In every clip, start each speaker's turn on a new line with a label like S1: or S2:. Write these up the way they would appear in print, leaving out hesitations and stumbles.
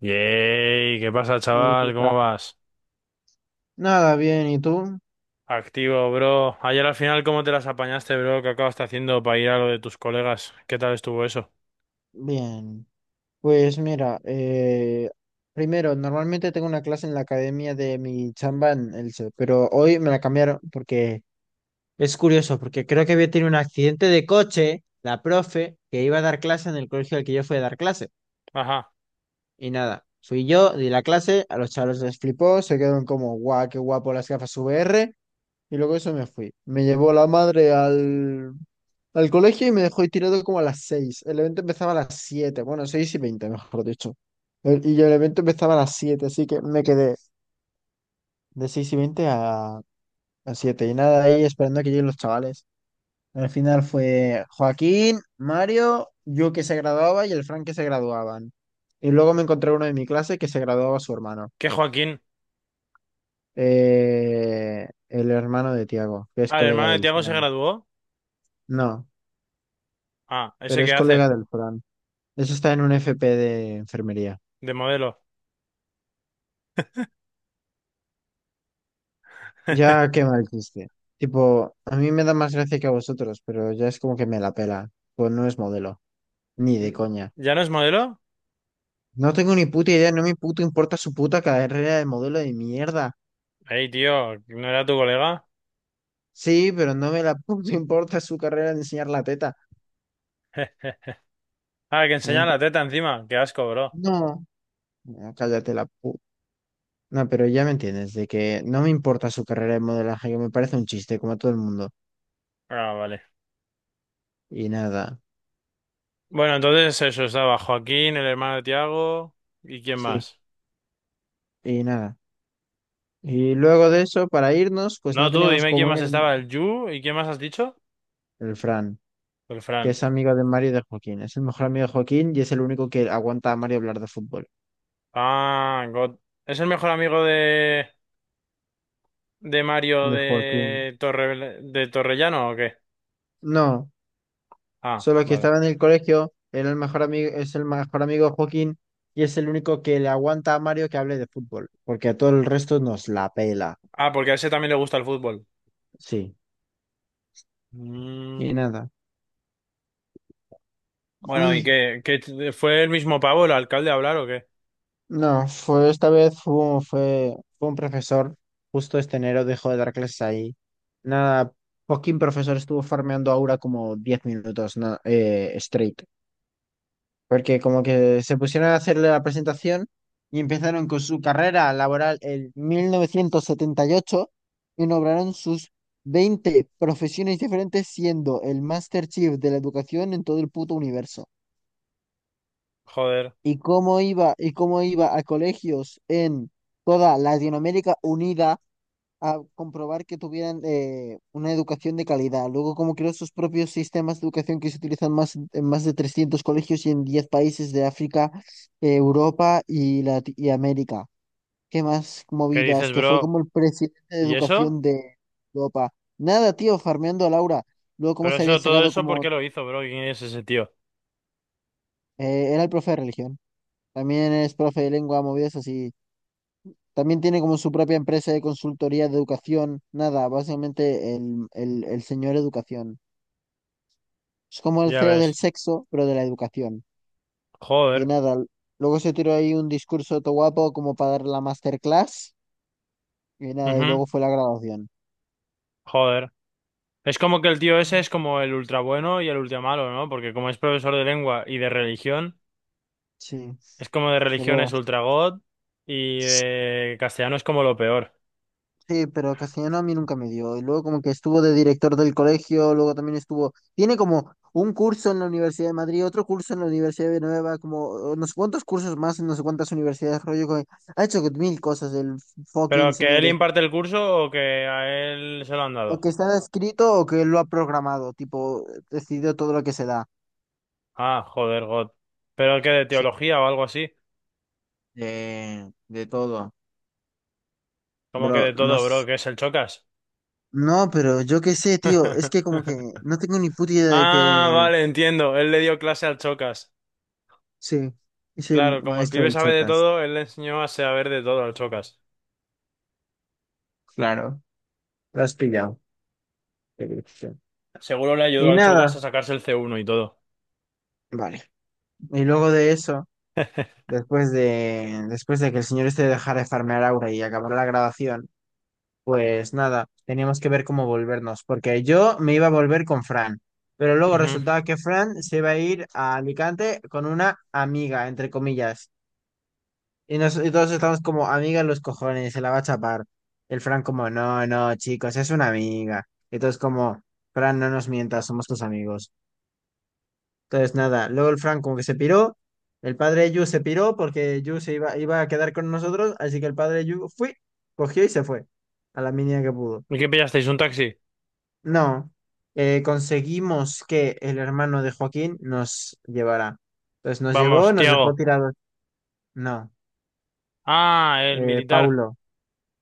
S1: Yey, ¿qué pasa,
S2: ¿Qué
S1: chaval?
S2: tal?
S1: ¿Cómo vas?
S2: Nada, bien, ¿y tú?
S1: Activo, bro. Ayer al final, ¿cómo te las apañaste, bro? ¿Qué acabaste haciendo para ir a lo de tus colegas? ¿Qué tal estuvo eso?
S2: Bien. Pues mira, primero, normalmente tengo una clase en la academia de mi chamba en Elche, pero hoy me la cambiaron porque es curioso, porque creo que había tenido un accidente de coche, la profe, que iba a dar clase en el colegio al que yo fui a dar clase.
S1: Ajá.
S2: Y nada, fui yo, di la clase, a los chavales les flipó, se quedaron como, guau, qué guapo las gafas VR. Y luego eso me fui. Me llevó la madre al colegio y me dejó ahí tirado como a las 6. El evento empezaba a las 7, bueno, 6:20, mejor dicho. Y el evento empezaba a las siete, así que me quedé de 6:20 a 7. Y nada, ahí esperando a que lleguen los chavales. Al final fue Joaquín, Mario, yo que se graduaba y el Frank que se graduaban. Y luego me encontré uno de mi clase que se graduaba su hermano.
S1: ¿Qué Joaquín?
S2: El hermano de Tiago, que es
S1: Ah, ¿el
S2: colega
S1: hermano de
S2: del
S1: Tiago se
S2: Frank.
S1: graduó?
S2: No,
S1: Ah, ¿ese
S2: pero es
S1: qué hace?
S2: colega del Fran. Eso está en un FP de enfermería.
S1: De modelo.
S2: Ya qué mal chiste. Tipo, a mí me da más gracia que a vosotros, pero ya es como que me la pela. Pues no es modelo, ni de
S1: Mm,
S2: coña.
S1: ¿ya no es modelo?
S2: No tengo ni puta idea, no me puto importa su puta carrera de modelo de mierda.
S1: Ey, tío, ¿no era tu colega?
S2: Sí, pero no me la puto importa su carrera de enseñar la teta.
S1: Ah, que
S2: No,
S1: enseña la teta encima. Qué asco, bro.
S2: no, no, cállate la puta. No, pero ya me entiendes, de que no me importa su carrera de modelaje, que me parece un chiste, como a todo el mundo.
S1: Ah, vale.
S2: Y nada,
S1: Bueno, entonces eso, estaba Joaquín, el hermano de Tiago. ¿Y quién
S2: sí,
S1: más?
S2: y nada. Y luego de eso, para irnos, pues no
S1: No tú,
S2: teníamos
S1: dime quién
S2: cómo
S1: más
S2: ir
S1: estaba, el Yu. ¿Y quién más has dicho?
S2: el Fran,
S1: El
S2: que es
S1: Fran.
S2: amigo de Mario y de Joaquín. Es el mejor amigo de Joaquín y es el único que aguanta a Mario hablar de fútbol.
S1: Ah, God. ¿Es el mejor amigo de Mario
S2: De Joaquín.
S1: de Torre, de Torrellano o qué?
S2: No,
S1: Ah,
S2: solo que
S1: vale.
S2: estaba en el colegio, era el mejor amigo, es el mejor amigo de Joaquín y es el único que le aguanta a Mario que hable de fútbol, porque a todo el resto nos la pela.
S1: Ah, porque a ese también le gusta el fútbol.
S2: Sí, y
S1: Mm,
S2: nada.
S1: bueno, ¿y
S2: Ay.
S1: qué, fue el mismo pavo el alcalde a hablar o qué?
S2: No, fue esta vez fue, fue, fue un profesor, justo este enero dejó de dar clases ahí. Nada, poquín profesor estuvo farmeando aura como 10 minutos straight, porque como que se pusieron a hacerle la presentación y empezaron con su carrera laboral en 1978 y nombraron sus 20 profesiones diferentes siendo el Master Chief de la educación en todo el puto universo.
S1: Joder.
S2: Y cómo iba y cómo iba a colegios en toda Latinoamérica unida a comprobar que tuvieran una educación de calidad. Luego, cómo creó sus propios sistemas de educación que se utilizan más, en más de 300 colegios y en 10 países de África, Europa y, y América. ¿Qué más
S1: ¿Qué
S2: movidas?
S1: dices,
S2: Que fue
S1: bro?
S2: como el presidente de
S1: ¿Y eso?
S2: educación de Europa. Nada, tío, farmeando a Laura. Luego, cómo
S1: Pero
S2: se había
S1: eso, todo
S2: sacado
S1: eso, ¿por
S2: como…
S1: qué lo hizo, bro? ¿Quién es ese tío?
S2: era el profe de religión. También es profe de lengua, movidas así. También tiene como su propia empresa de consultoría de educación. Nada, básicamente el señor educación. Es como el
S1: Ya
S2: CEO del
S1: ves.
S2: sexo, pero de la educación. Y
S1: Joder.
S2: nada, luego se tiró ahí un discurso todo guapo como para dar la masterclass. Y nada, y
S1: Ujú.
S2: luego fue la graduación.
S1: Joder. Es como que el tío ese
S2: Mm.
S1: es como el ultra bueno y el ultra malo, ¿no? Porque como es profesor de lengua y de religión.
S2: Sí,
S1: Es como, de religión es
S2: pero…
S1: Ultragod y de castellano es como lo peor.
S2: Sí, pero castellano a mí nunca me dio. Y luego como que estuvo de director del colegio, luego también estuvo, tiene como un curso en la Universidad de Madrid, otro curso en la Universidad de Nueva, como no sé cuántos cursos más en no sé cuántas universidades, rollo, que ha hecho mil cosas el fucking
S1: ¿Pero que él
S2: señores.
S1: imparte el curso o que a él se lo han
S2: O
S1: dado?
S2: que está escrito o que lo ha programado, tipo, decidió todo lo que se da.
S1: Ah, joder, God. ¿Pero que de
S2: Sí.
S1: teología o algo así?
S2: De todo.
S1: ¿Como que
S2: Bro,
S1: de
S2: no,
S1: todo, bro, que es el Chocas?
S2: no, pero yo qué sé, tío, es que como que no tengo ni puta idea de
S1: Ah,
S2: que
S1: vale, entiendo. Él le dio clase al Chocas.
S2: sí, es el
S1: Claro, como el
S2: maestro
S1: pibe
S2: del
S1: sabe de
S2: Sotas.
S1: todo, él le enseñó a saber de todo al Chocas.
S2: Claro, lo has pillado. Perfecto.
S1: Seguro le ayudó
S2: Y
S1: al Chocas a
S2: nada,
S1: sacarse el C1 y todo.
S2: vale. Y luego de eso, después de que el señor este dejara de farmear Aura y acabara la grabación, pues nada, teníamos que ver cómo volvernos, porque yo me iba a volver con Fran, pero luego
S1: Ujú.
S2: resultaba que Fran se iba a ir a Alicante con una amiga, entre comillas. Y, nos, y todos estamos como amiga en los cojones, se la va a chapar. El Fran como, no, no, chicos, es una amiga. Y todos como, Fran, no nos mientas, somos tus amigos. Entonces, nada, luego el Frank como que se piró, el padre de Yu se piró porque Yu se iba, iba a quedar con nosotros, así que el padre de Yu fui, cogió y se fue a la mínima que pudo.
S1: ¿Y qué pillasteis? ¿Un taxi?
S2: No, conseguimos que el hermano de Joaquín nos llevara. Entonces nos llevó,
S1: Vamos,
S2: nos dejó
S1: Tiago.
S2: tirados. No,
S1: Ah, el militar.
S2: Paulo,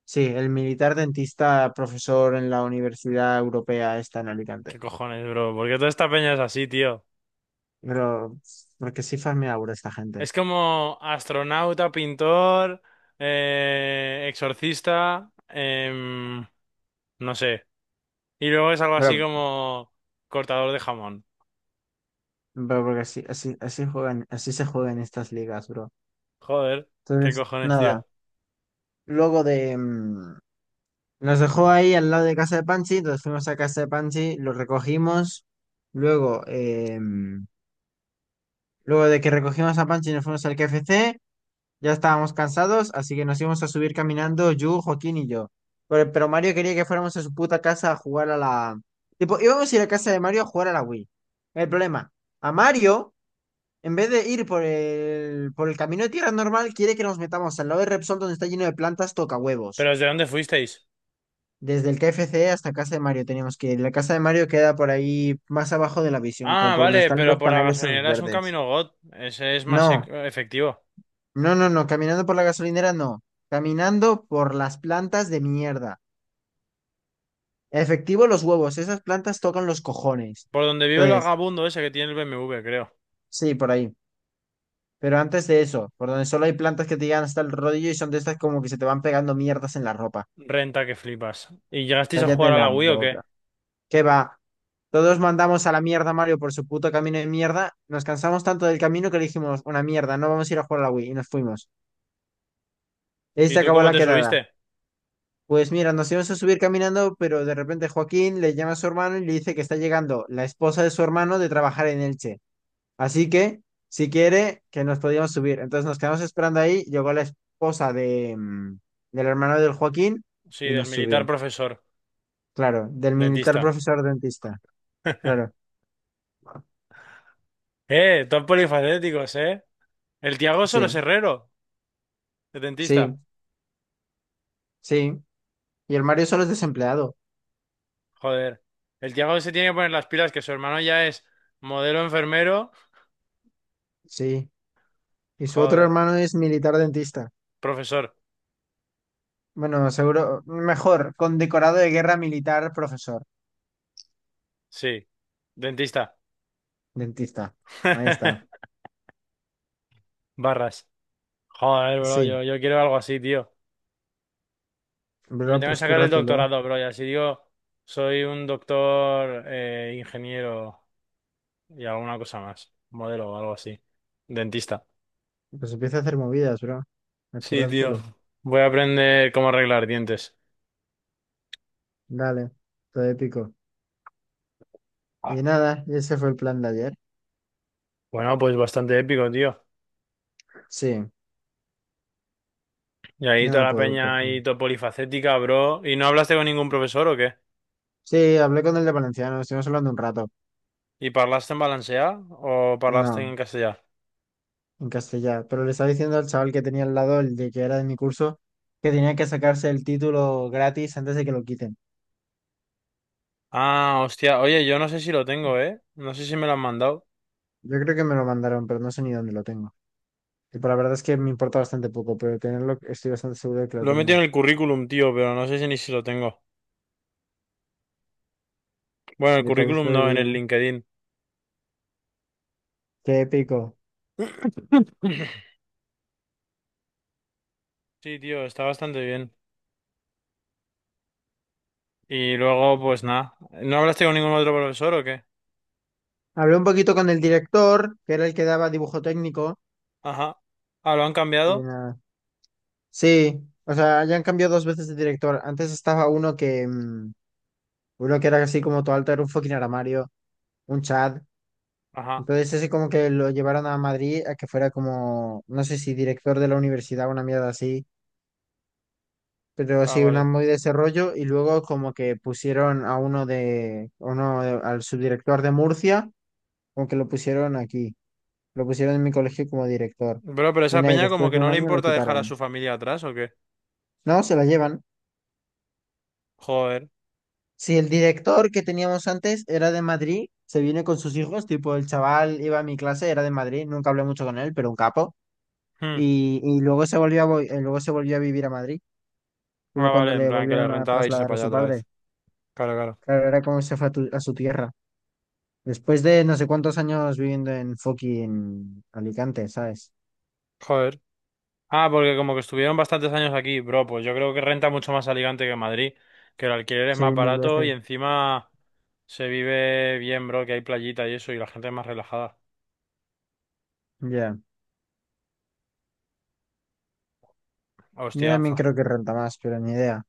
S2: sí, el militar dentista profesor en la Universidad Europea está en Alicante.
S1: ¿Qué cojones, bro? ¿Por qué toda esta peña es así, tío?
S2: Pero, porque sí farmea ahora esta gente.
S1: Es como astronauta, pintor, exorcista, no sé. Y luego es algo así
S2: Pero
S1: como cortador de jamón.
S2: bro, porque así, así, así juegan, así se juegan estas ligas, bro.
S1: Joder, ¿qué
S2: Entonces,
S1: cojones, tío?
S2: nada, luego de… nos dejó ahí al lado de casa de Pansy, entonces fuimos a casa de Pansy, lo recogimos, luego, luego de que recogimos a Pansy nos fuimos al KFC, ya estábamos cansados, así que nos íbamos a subir caminando, Yu, Joaquín y yo. Pero Mario quería que fuéramos a su puta casa a jugar a la… Tipo, íbamos a ir a casa de Mario a jugar a la Wii. El problema, a Mario… En vez de ir por el camino de tierra normal, quiere que nos metamos al lado de Repsol donde está lleno de plantas toca
S1: ¿Pero
S2: huevos.
S1: desde dónde fuisteis?
S2: Desde el KFC hasta casa de Mario tenemos que ir. La casa de Mario queda por ahí más abajo de la visión, como
S1: Ah,
S2: por donde
S1: vale,
S2: están
S1: pero
S2: los
S1: por la
S2: paneles esos
S1: gasolinera es un
S2: verdes.
S1: camino God. Ese es más
S2: No,
S1: efectivo.
S2: no, no, no. Caminando por la gasolinera, no. Caminando por las plantas de mierda. Efectivo, los huevos. Esas plantas tocan los cojones.
S1: Por donde vive el
S2: Entonces,
S1: vagabundo ese que tiene el BMW, creo.
S2: sí, por ahí. Pero antes de eso, por donde solo hay plantas que te llegan hasta el rodillo y son de estas como que se te van pegando mierdas en la ropa.
S1: Renta que flipas. ¿Y llegasteis a
S2: Cállate
S1: jugar a
S2: la
S1: la Wii o qué?
S2: boca. ¿Qué va? Todos mandamos a la mierda a Mario por su puto camino de mierda. Nos cansamos tanto del camino que le dijimos, una mierda, no vamos a ir a jugar a la Wii. Y nos fuimos. Y ahí
S1: ¿Y
S2: se
S1: tú
S2: acabó
S1: cómo
S2: la
S1: te
S2: quedada.
S1: subiste?
S2: Pues mira, nos íbamos a subir caminando, pero de repente Joaquín le llama a su hermano y le dice que está llegando la esposa de su hermano de trabajar en Elche. Así que, si quiere, que nos podíamos subir. Entonces nos quedamos esperando ahí. Llegó la esposa de, del hermano del Joaquín
S1: Sí,
S2: y
S1: del
S2: nos
S1: militar
S2: subió.
S1: profesor.
S2: Claro, del militar
S1: Dentista.
S2: profesor dentista. Claro,
S1: Todos polifacéticos, ¿eh? El Tiago solo
S2: sí.
S1: es herrero, de dentista.
S2: Sí, sí. Y el Mario solo es desempleado.
S1: Joder. El Tiago se tiene que poner las pilas, que su hermano ya es modelo enfermero.
S2: Sí. Y su otro
S1: Joder.
S2: hermano es militar dentista.
S1: Profesor.
S2: Bueno, seguro, mejor, condecorado de guerra militar, profesor,
S1: Sí. Dentista.
S2: dentista. Ahí está.
S1: Barras. Joder, bro,
S2: Sí,
S1: yo quiero algo así, tío. Me
S2: bro,
S1: tengo que
S2: pues
S1: sacar el
S2: cúrratelo.
S1: doctorado, bro, y así digo, soy un doctor, ingeniero y alguna cosa más. Modelo o algo así. Dentista.
S2: Pues empieza a hacer movidas, bro. A
S1: Sí, tío.
S2: currártelo.
S1: Voy a aprender cómo arreglar dientes.
S2: Dale, todo épico.
S1: Ah,
S2: Y nada, y ese fue el plan de ayer.
S1: bueno, pues bastante épico, tío.
S2: Sí,
S1: Y ahí
S2: no
S1: toda
S2: me
S1: la
S2: puedo
S1: peña
S2: quejar.
S1: ahí todo polifacética, bro. ¿Y no hablaste con ningún profesor o qué?
S2: Sí, hablé con el de Valenciano, estuvimos hablando un rato.
S1: ¿Y parlaste en valencià o parlaste
S2: No,
S1: en castellano?
S2: en castellano. Pero le estaba diciendo al chaval que tenía al lado, el de que era de mi curso, que tenía que sacarse el título gratis antes de que lo quiten.
S1: Ah, hostia. Oye, yo no sé si lo tengo, ¿eh? No sé si me lo han mandado.
S2: Yo creo que me lo mandaron, pero no sé ni dónde lo tengo. Y pues la verdad es que me importa bastante poco, pero tenerlo estoy bastante seguro de que lo
S1: Lo he metido en
S2: tengo.
S1: el currículum, tío, pero no sé si ni si lo tengo. Bueno, el
S2: Yo tal vez
S1: currículum
S2: lo
S1: no, en el
S2: debería.
S1: LinkedIn.
S2: Qué épico.
S1: Sí, tío, está bastante bien. Y luego, pues nada. ¿No hablaste con ningún otro profesor o qué?
S2: Hablé un poquito con el director, que era el que daba dibujo técnico.
S1: Ajá. Ah, ¿lo han
S2: Y
S1: cambiado?
S2: nada. Sí, o sea, ya han cambiado dos veces de director. Antes estaba uno que, uno que era así como todo alto, era un fucking armario, un Chad.
S1: Ajá.
S2: Entonces, ese como que lo llevaron a Madrid a que fuera como, no sé si director de la universidad, o una mierda así, pero
S1: Ah,
S2: sí, una
S1: vale.
S2: muy de ese rollo. Y luego como que pusieron a uno de, al subdirector de Murcia, como que lo pusieron aquí, lo pusieron en mi colegio como director.
S1: Bro, pero
S2: Y
S1: esa
S2: nada, y
S1: peña como
S2: después
S1: que
S2: de
S1: no
S2: un
S1: le
S2: año lo
S1: importa dejar a
S2: quitaron.
S1: su familia atrás, ¿o qué?
S2: No, se lo llevan.
S1: Joder.
S2: Si el director que teníamos antes era de Madrid, se viene con sus hijos, tipo el chaval iba a mi clase, era de Madrid, nunca hablé mucho con él, pero un capo.
S1: Hmm.
S2: Y luego se volvió a, luego se volvió a vivir a Madrid,
S1: Ah,
S2: luego
S1: vale,
S2: cuando
S1: en
S2: le
S1: plan que le
S2: volvieron a
S1: rentaba irse
S2: trasladar
S1: para
S2: a
S1: allá
S2: su
S1: otra
S2: padre.
S1: vez. Claro, claro.
S2: Claro, era como se fue a, a su tierra. Después de no sé cuántos años viviendo en fucking Alicante, ¿sabes?
S1: Joder. Ah, porque como que estuvieron bastantes años aquí, bro, pues yo creo que renta mucho más Alicante que Madrid, que el alquiler es
S2: Sí,
S1: más
S2: mil
S1: barato y
S2: veces.
S1: encima se vive bien, bro, que hay playita y eso y la gente es más relajada.
S2: Ya. Yo
S1: Hostia,
S2: también
S1: fa.
S2: creo que renta más, pero ni idea.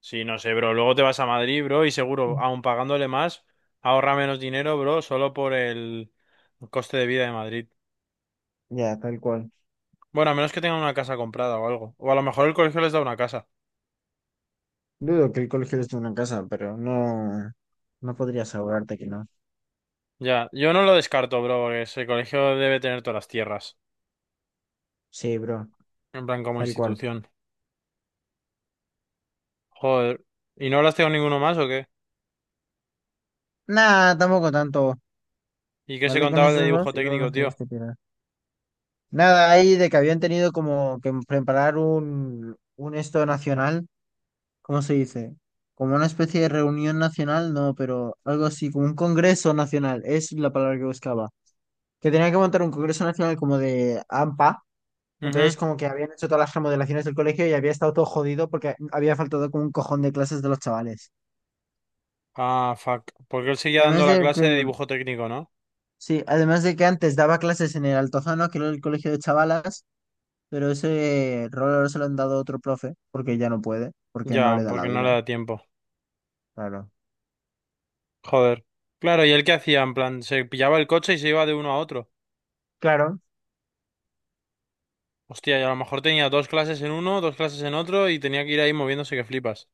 S1: Sí, no sé, bro. Luego te vas a Madrid, bro, y seguro, aun pagándole más, ahorra menos dinero, bro, solo por el coste de vida de Madrid.
S2: Ya, tal cual.
S1: Bueno, a menos que tengan una casa comprada o algo. O a lo mejor el colegio les da una casa.
S2: Dudo que el colegio esté en una casa, pero no, no podría asegurarte que no.
S1: Ya, yo no lo descarto, bro, porque ese colegio debe tener todas las tierras,
S2: Sí, bro,
S1: en plan como
S2: tal cual.
S1: institución. Joder, ¿y no hablaste con ninguno más o qué?
S2: Nah, tampoco tanto.
S1: ¿Y qué se
S2: Vale con
S1: contaba el de
S2: esos
S1: dibujo
S2: dos y luego nos
S1: técnico,
S2: tenemos
S1: tío?
S2: que tirar. Nada, ahí de que habían tenido como que preparar un esto nacional, ¿cómo se dice? Como una especie de reunión nacional, no, pero algo así, como un congreso nacional, es la palabra que buscaba. Que tenían que montar un congreso nacional como de AMPA,
S1: Ujú.
S2: entonces como que habían hecho todas las remodelaciones del colegio y había estado todo jodido porque había faltado como un cojón de clases de los chavales.
S1: Ah, fuck, porque él seguía dando
S2: Además
S1: la
S2: de
S1: clase de
S2: que,
S1: dibujo técnico, ¿no?
S2: sí, además de que antes daba clases en el Altozano, que era el colegio de chavalas, pero ese rol ahora se lo han dado a otro profe porque ya no puede, porque no
S1: Ya,
S2: le da la
S1: porque no le
S2: vida.
S1: da tiempo.
S2: Claro.
S1: Joder. Claro, ¿y él qué hacía? En plan, se pillaba el coche y se iba de uno a otro.
S2: Claro,
S1: Hostia, y a lo mejor tenía dos clases en uno, dos clases en otro y tenía que ir ahí moviéndose que flipas.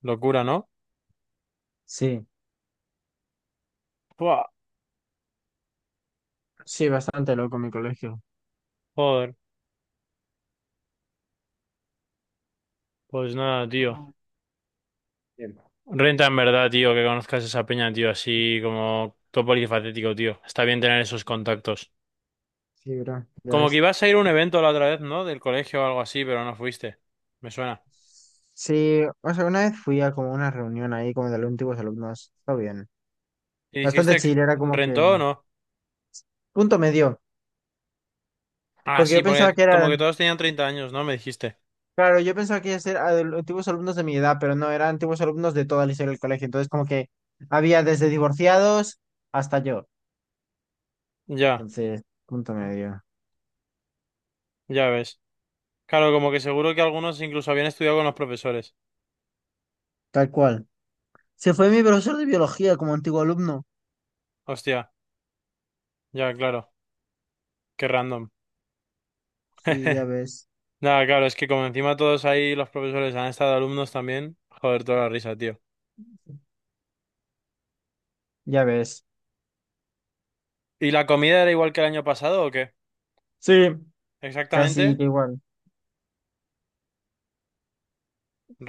S1: Locura, ¿no?
S2: sí,
S1: Buah,
S2: sí, bastante loco mi colegio.
S1: joder, pues nada, tío.
S2: Ah. Bien.
S1: Renta en verdad, tío, que conozcas esa peña, tío, así como todo polifacético, tío. Está bien tener esos contactos.
S2: Sí, bro, ya
S1: Como que
S2: ves.
S1: ibas a ir a un evento la otra vez, ¿no? Del colegio o algo así, pero no fuiste. Me suena.
S2: Sí, o sea, una vez fui a como una reunión ahí como de los antiguos alumnos, está bien.
S1: ¿Y
S2: Bastante
S1: dijiste que
S2: chile, era como que
S1: rentó o no?
S2: punto medio,
S1: Ah,
S2: porque
S1: sí,
S2: yo pensaba
S1: porque
S2: que
S1: como que
S2: eran,
S1: todos tenían 30 años, ¿no? Me dijiste.
S2: claro, yo pensaba que iba a ser antiguos alumnos de mi edad, pero no, eran antiguos alumnos de toda la historia del colegio, entonces como que había desde divorciados hasta yo.
S1: Ya,
S2: Entonces, punto medio.
S1: ya ves. Claro, como que seguro que algunos incluso habían estudiado con los profesores.
S2: Tal cual. Se fue mi profesor de biología como antiguo alumno.
S1: Hostia, ya, claro. Qué random.
S2: Sí, ya ves.
S1: Nada, claro, es que como encima todos ahí los profesores han estado alumnos también. Joder, toda la risa, tío.
S2: Ya ves.
S1: ¿Y la comida era igual que el año pasado o qué?
S2: Sí,
S1: Exactamente,
S2: casi que igual.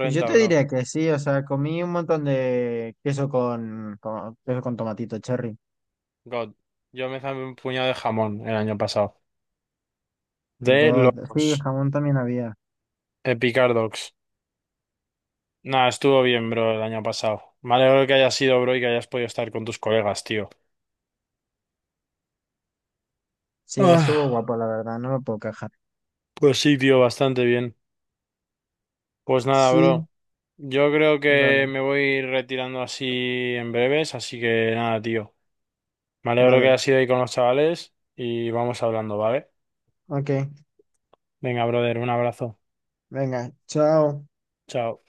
S2: Pues yo te
S1: bro.
S2: diría que sí, o sea, comí un montón de queso queso con tomatito cherry.
S1: God. Yo me zamé un puñado de jamón el año pasado. De
S2: God. Sí,
S1: locos.
S2: jamón también había.
S1: Epicardox. Nah, estuvo bien, bro, el año pasado. Me alegro que hayas sido, bro, y que hayas podido estar con tus colegas, tío.
S2: Sí, estuvo
S1: Ah,
S2: guapo, la verdad, no me puedo quejar.
S1: pues sí, tío, bastante bien. Pues nada, bro.
S2: Sí,
S1: Yo creo que
S2: vale,
S1: me voy retirando así en breves, así que nada, tío. Me alegro que
S2: vale.
S1: hayas ido ahí con los chavales y vamos hablando, ¿vale?
S2: Ok,
S1: Venga, brother, un abrazo.
S2: venga, chao.
S1: Chao.